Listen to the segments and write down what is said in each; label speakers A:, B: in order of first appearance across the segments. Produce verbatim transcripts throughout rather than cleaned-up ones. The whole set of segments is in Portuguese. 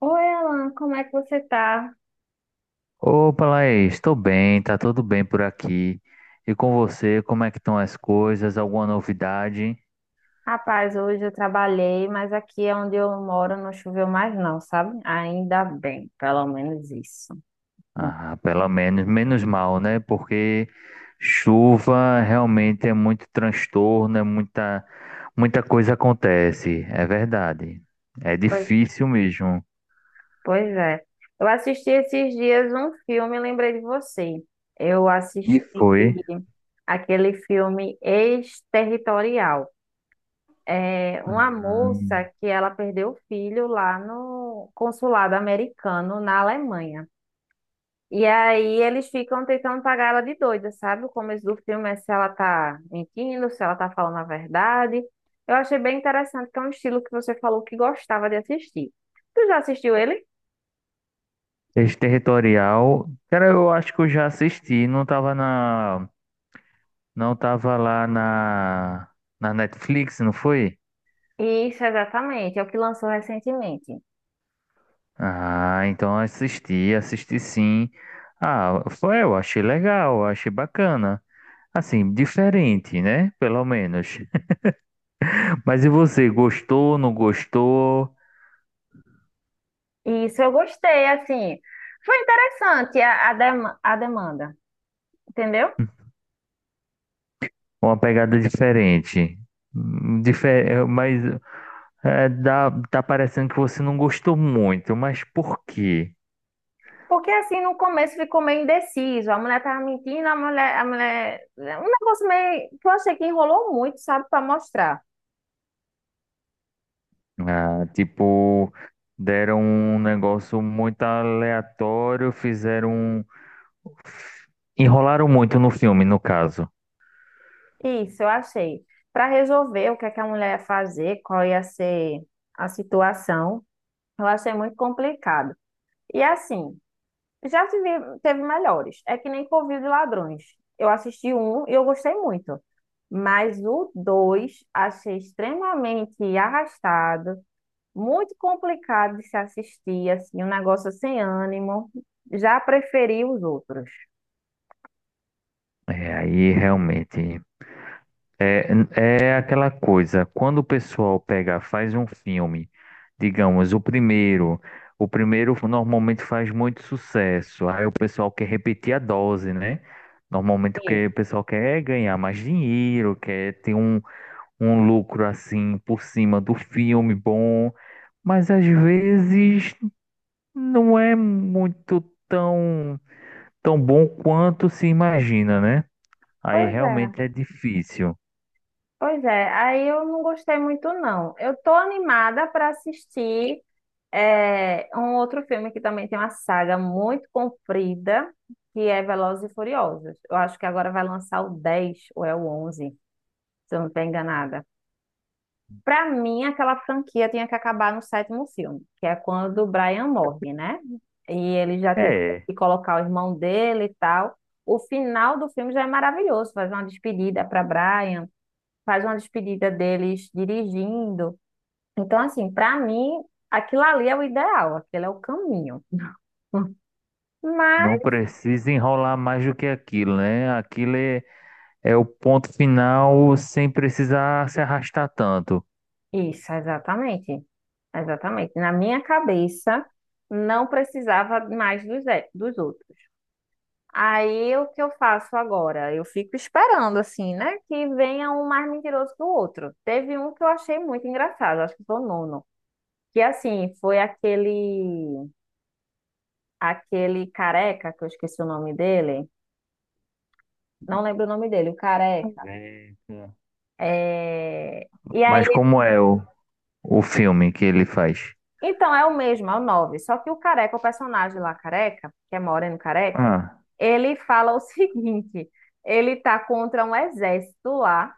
A: Oi, Alan, como é que você tá?
B: Opa, Laís, estou bem, tá tudo bem por aqui. E com você, como é que estão as coisas? Alguma novidade?
A: Rapaz, hoje eu trabalhei, mas aqui é onde eu moro não choveu mais não, sabe? Ainda bem, pelo menos isso. Não.
B: Ah, pelo menos, menos mal, né? Porque chuva realmente é muito transtorno, é muita, muita coisa acontece, é verdade. É
A: Pois,
B: difícil mesmo.
A: pois é. Eu assisti esses dias um filme e lembrei de você. Eu
B: E
A: assisti
B: foi.
A: aquele filme Exterritorial. É uma
B: Hum,
A: moça que ela perdeu o filho lá no consulado americano na Alemanha. E aí eles ficam tentando pagar ela de doida, sabe? O começo do filme é se ela tá mentindo, se ela tá falando a verdade. Eu achei bem interessante, que é um estilo que você falou que gostava de assistir. Tu já assistiu ele?
B: Exterritorial. Cara, eu acho que eu já assisti, não tava na, não tava lá na, na Netflix, não foi?
A: Isso, exatamente, é o que lançou recentemente.
B: Ah, então assisti, assisti sim. Ah, foi, eu achei legal, eu achei bacana. Assim, diferente, né? Pelo menos. Mas e você, gostou, não gostou?
A: Isso eu gostei, assim. Foi interessante a, a, dema- a demanda, entendeu?
B: Uma pegada diferente. Hum, Difer mas é, dá, tá parecendo que você não gostou muito, mas por quê?
A: Porque assim, no começo ficou meio indeciso. A mulher tava mentindo, a mulher, a mulher. Um negócio meio que eu achei que enrolou muito, sabe, pra mostrar.
B: Ah, tipo, deram um negócio muito aleatório, fizeram um... Enrolaram muito no filme, no caso.
A: Isso, eu achei. Para resolver o que é que a mulher ia fazer, qual ia ser a situação, eu achei muito complicado. E assim, já tive, teve melhores. É que nem Covil de Ladrões. Eu assisti um e eu gostei muito. Mas o dois achei extremamente arrastado, muito complicado de se assistir, assim, um negócio sem ânimo. Já preferi os outros.
B: É, aí realmente. É, é aquela coisa, quando o pessoal pega, faz um filme, digamos, o primeiro, o primeiro normalmente faz muito sucesso, aí o pessoal quer repetir a dose, né? Normalmente o que
A: Sim.
B: o pessoal quer é ganhar mais dinheiro, quer ter um, um lucro assim por cima do filme bom, mas às vezes não é muito tão, tão bom quanto se imagina, né? Aí
A: Pois é.
B: realmente é difícil.
A: Pois é, aí eu não gostei muito, não. Eu tô animada para assistir é, um outro filme que também tem uma saga muito comprida, que é Velozes e Furiosos. Eu acho que agora vai lançar o dez ou é o onze, se eu não estou enganada. Para mim, aquela franquia tinha que acabar no sétimo filme, que é quando o Brian morre, né? E ele já tiveram
B: É.
A: que colocar o irmão dele e tal. O final do filme já é maravilhoso, faz uma despedida para Brian, faz uma despedida deles dirigindo. Então, assim, para mim, aquilo ali é o ideal, aquele é o caminho.
B: Não
A: Mas,
B: precisa enrolar mais do que aquilo, né? Aquilo é, é o ponto final sem precisar se arrastar tanto.
A: isso, exatamente. Exatamente. Na minha cabeça, não precisava mais dos, e- dos outros. Aí, o que eu faço agora? Eu fico esperando, assim, né? Que venha um mais mentiroso que o outro. Teve um que eu achei muito engraçado, acho que foi o nono. Que, assim, foi aquele, aquele careca, que eu esqueci o nome dele. Não lembro o nome dele, o Careca.
B: Eita.
A: É... E aí,
B: Mas como é o, o filme que ele faz?
A: então é o mesmo, é o nove. Só que o Careca, o personagem lá, Careca, que é Moreno Careca,
B: Ah,
A: ele fala o seguinte: ele tá contra um exército lá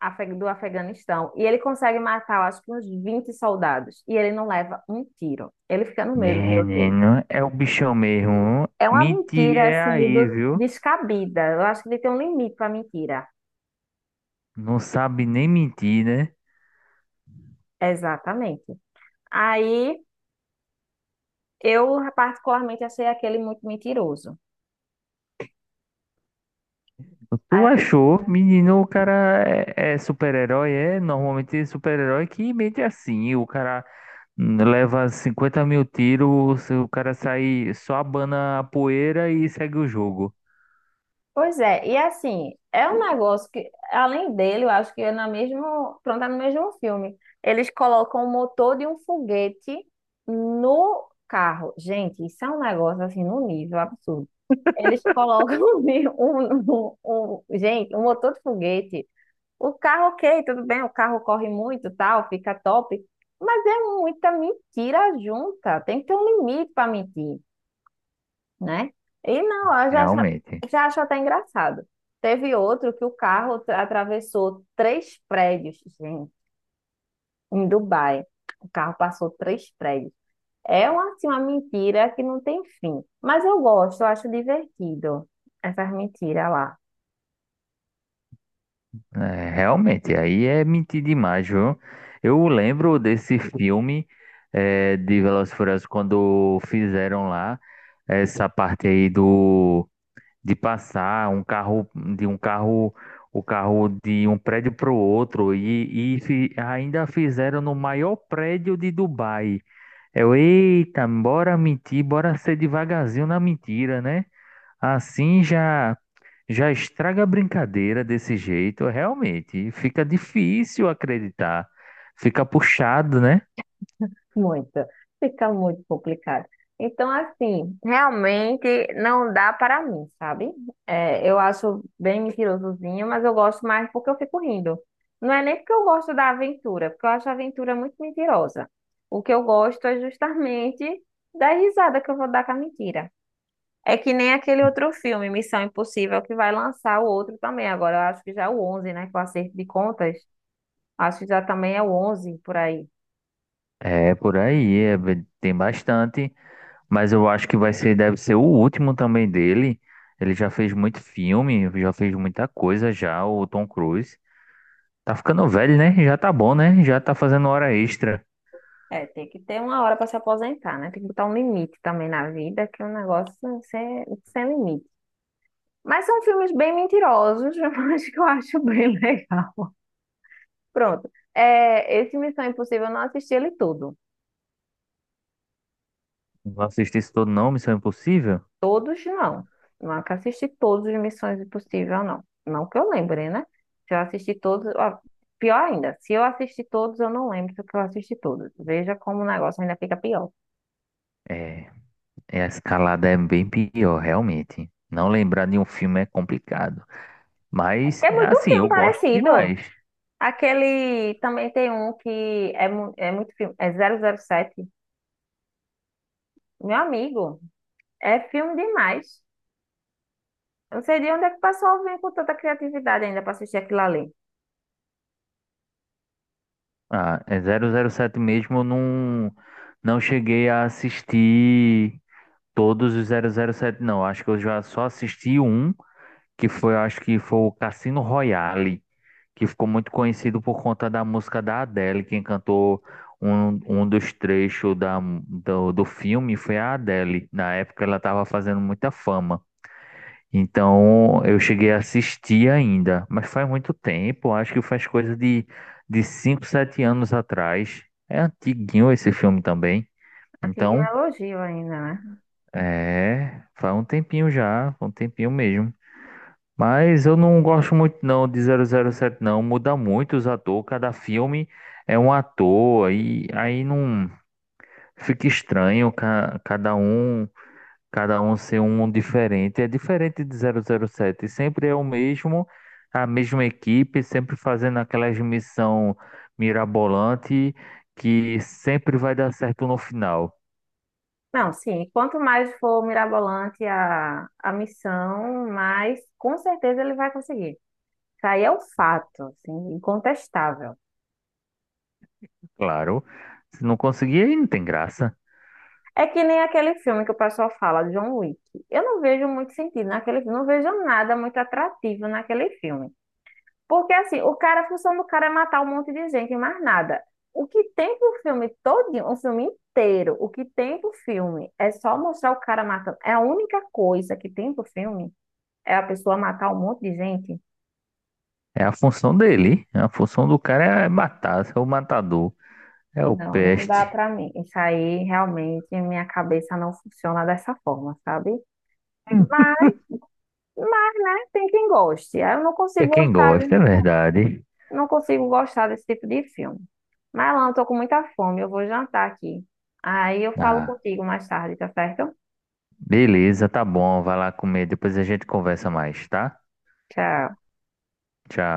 A: afe- do Afeganistão e ele consegue matar, eu acho que uns vinte soldados e ele não leva um tiro. Ele fica no meio do tiroteio.
B: menino, é o bichão mesmo.
A: É uma
B: Mentir
A: mentira,
B: é
A: assim,
B: aí,
A: do-
B: viu?
A: descabida. Eu acho que ele tem um limite pra mentira.
B: Não sabe nem mentir, né?
A: Exatamente. Aí eu, particularmente, achei aquele muito mentiroso.
B: Tu
A: Ah,
B: achou, menino, o cara é, é super-herói, é? Normalmente é super-herói que mente assim. O cara leva cinquenta mil tiros, se o cara sai só abana a poeira e segue o jogo.
A: pois é, e assim, é um negócio que, além dele, eu acho que é na mesmo, pronto, é no mesmo filme. Eles colocam o motor de um foguete no carro. Gente, isso é um negócio assim, no nível absurdo. Eles colocam um, um, um- gente, um motor de foguete. O carro, ok, tudo bem, o carro corre muito, tal, fica top. Mas é muita mentira junta. Tem que ter um limite para mentir, né? E não, eu já, acho-
B: Realmente.
A: já acho até engraçado. Teve outro que o carro atra- atravessou três prédios, gente, em Dubai. O carro passou três prédios. É uma, assim, uma mentira que não tem fim. Mas eu gosto, eu acho divertido essas mentiras lá.
B: É, realmente, aí é mentir demais, viu? Eu lembro desse filme é, de Velozes e Furiosos quando fizeram lá essa parte aí do de passar um carro de um carro o carro de um prédio para o outro e, e fi- ainda fizeram no maior prédio de Dubai. Eu, eita, bora mentir, bora ser devagarzinho na mentira, né? Assim já já estraga a brincadeira desse jeito, realmente. Fica difícil acreditar. Fica puxado, né?
A: Muito, fica muito complicado. Então, assim, realmente não dá para mim, sabe? É, eu acho bem mentirosozinho, mas eu gosto mais porque eu fico rindo. Não é nem porque eu gosto da aventura, porque eu acho a aventura muito mentirosa. O que eu gosto é justamente da risada que eu vou dar com a mentira. É que nem aquele outro filme, Missão Impossível, que vai lançar o outro também agora. Eu acho que já é o onze, né? Com o acerto de contas, acho que já também é o onze por aí.
B: É, por aí, é, tem bastante. Mas eu acho que vai ser, deve ser o último também dele. Ele já fez muito filme, já fez muita coisa já, o Tom Cruise. Tá ficando velho, né? Já tá bom, né? Já tá fazendo hora extra.
A: É, tem que ter uma hora para se aposentar, né? Tem que botar um limite também na vida, que o negócio é sem, sem limite. Mas são filmes bem mentirosos, mas que eu acho bem legal. Pronto. É, esse Missão Impossível eu não assisti ele todo.
B: Não assisti isso todo não, Missão Impossível?
A: Todos não. Nunca assisti todos os Missões Impossível, não. Não que eu lembre, né? Se eu assisti todos. Ó, pior ainda, se eu assisti todos, eu não lembro se eu assisti todos. Veja como o negócio ainda fica pior.
B: É, é, a escalada é bem pior, realmente. Não lembrar de um filme é complicado. Mas,
A: É
B: é
A: muito
B: assim,
A: filme
B: eu gosto
A: parecido.
B: demais.
A: Aquele também tem um que é, mu- é muito filme, é zero zero sete. Meu amigo, é filme demais. Eu não sei de onde é que o pessoal vem com tanta criatividade ainda para assistir aquilo ali.
B: Ah, é zero zero sete mesmo, eu não, não cheguei a assistir todos os zero zero sete. Não. Acho que eu já só assisti um, que foi, acho que foi o Cassino Royale, que ficou muito conhecido por conta da música da Adele. Quem cantou um, um dos trechos da, do, do filme foi a Adele. Na época ela estava fazendo muita fama. Então eu cheguei a assistir ainda, mas faz muito tempo, acho que faz coisa de, de cinco, sete anos atrás. É antiguinho esse filme também.
A: Aqui é um
B: Então,
A: elogio ainda, né?
B: é, faz um tempinho já, um tempinho mesmo. Mas eu não gosto muito não de zero zero sete não, muda muito os atores, cada filme é um ator e aí não fica estranho, ca- cada um Cada um ser um diferente. É diferente de zero zero sete. Sempre é o mesmo, a mesma equipe, sempre fazendo aquelas missão mirabolante que sempre vai dar certo no final.
A: Não, sim, quanto mais for mirabolante a, a missão, mais com certeza ele vai conseguir. Isso aí é um fato, assim, incontestável.
B: Claro. Se não conseguir, aí não tem graça.
A: É que nem aquele filme que o pessoal fala, John Wick. Eu não vejo muito sentido naquele filme, não vejo nada muito atrativo naquele filme. Porque assim, o cara, a função do cara é matar um monte de gente, e mais nada. O que tem pro filme todinho, o filme inteiro, o que tem pro filme é só mostrar o cara matando. É a única coisa que tem pro filme é a pessoa matar um monte de gente.
B: É a função dele. é A função do cara é matar, ser o matador. É o
A: Não, não dá
B: peste.
A: pra mim. Isso aí realmente minha cabeça não funciona dessa forma, sabe? Mas, mas tem quem goste. Eu não
B: É
A: consigo
B: quem
A: gostar.
B: gosta, é verdade.
A: Não consigo gostar desse tipo de filme. Mas, Alan, eu tô com muita fome, eu vou jantar aqui. Aí eu falo
B: Ah.
A: contigo mais tarde, tá certo?
B: Beleza, tá bom. Vai lá comer. Depois a gente conversa mais, tá?
A: Tchau.
B: Tchau.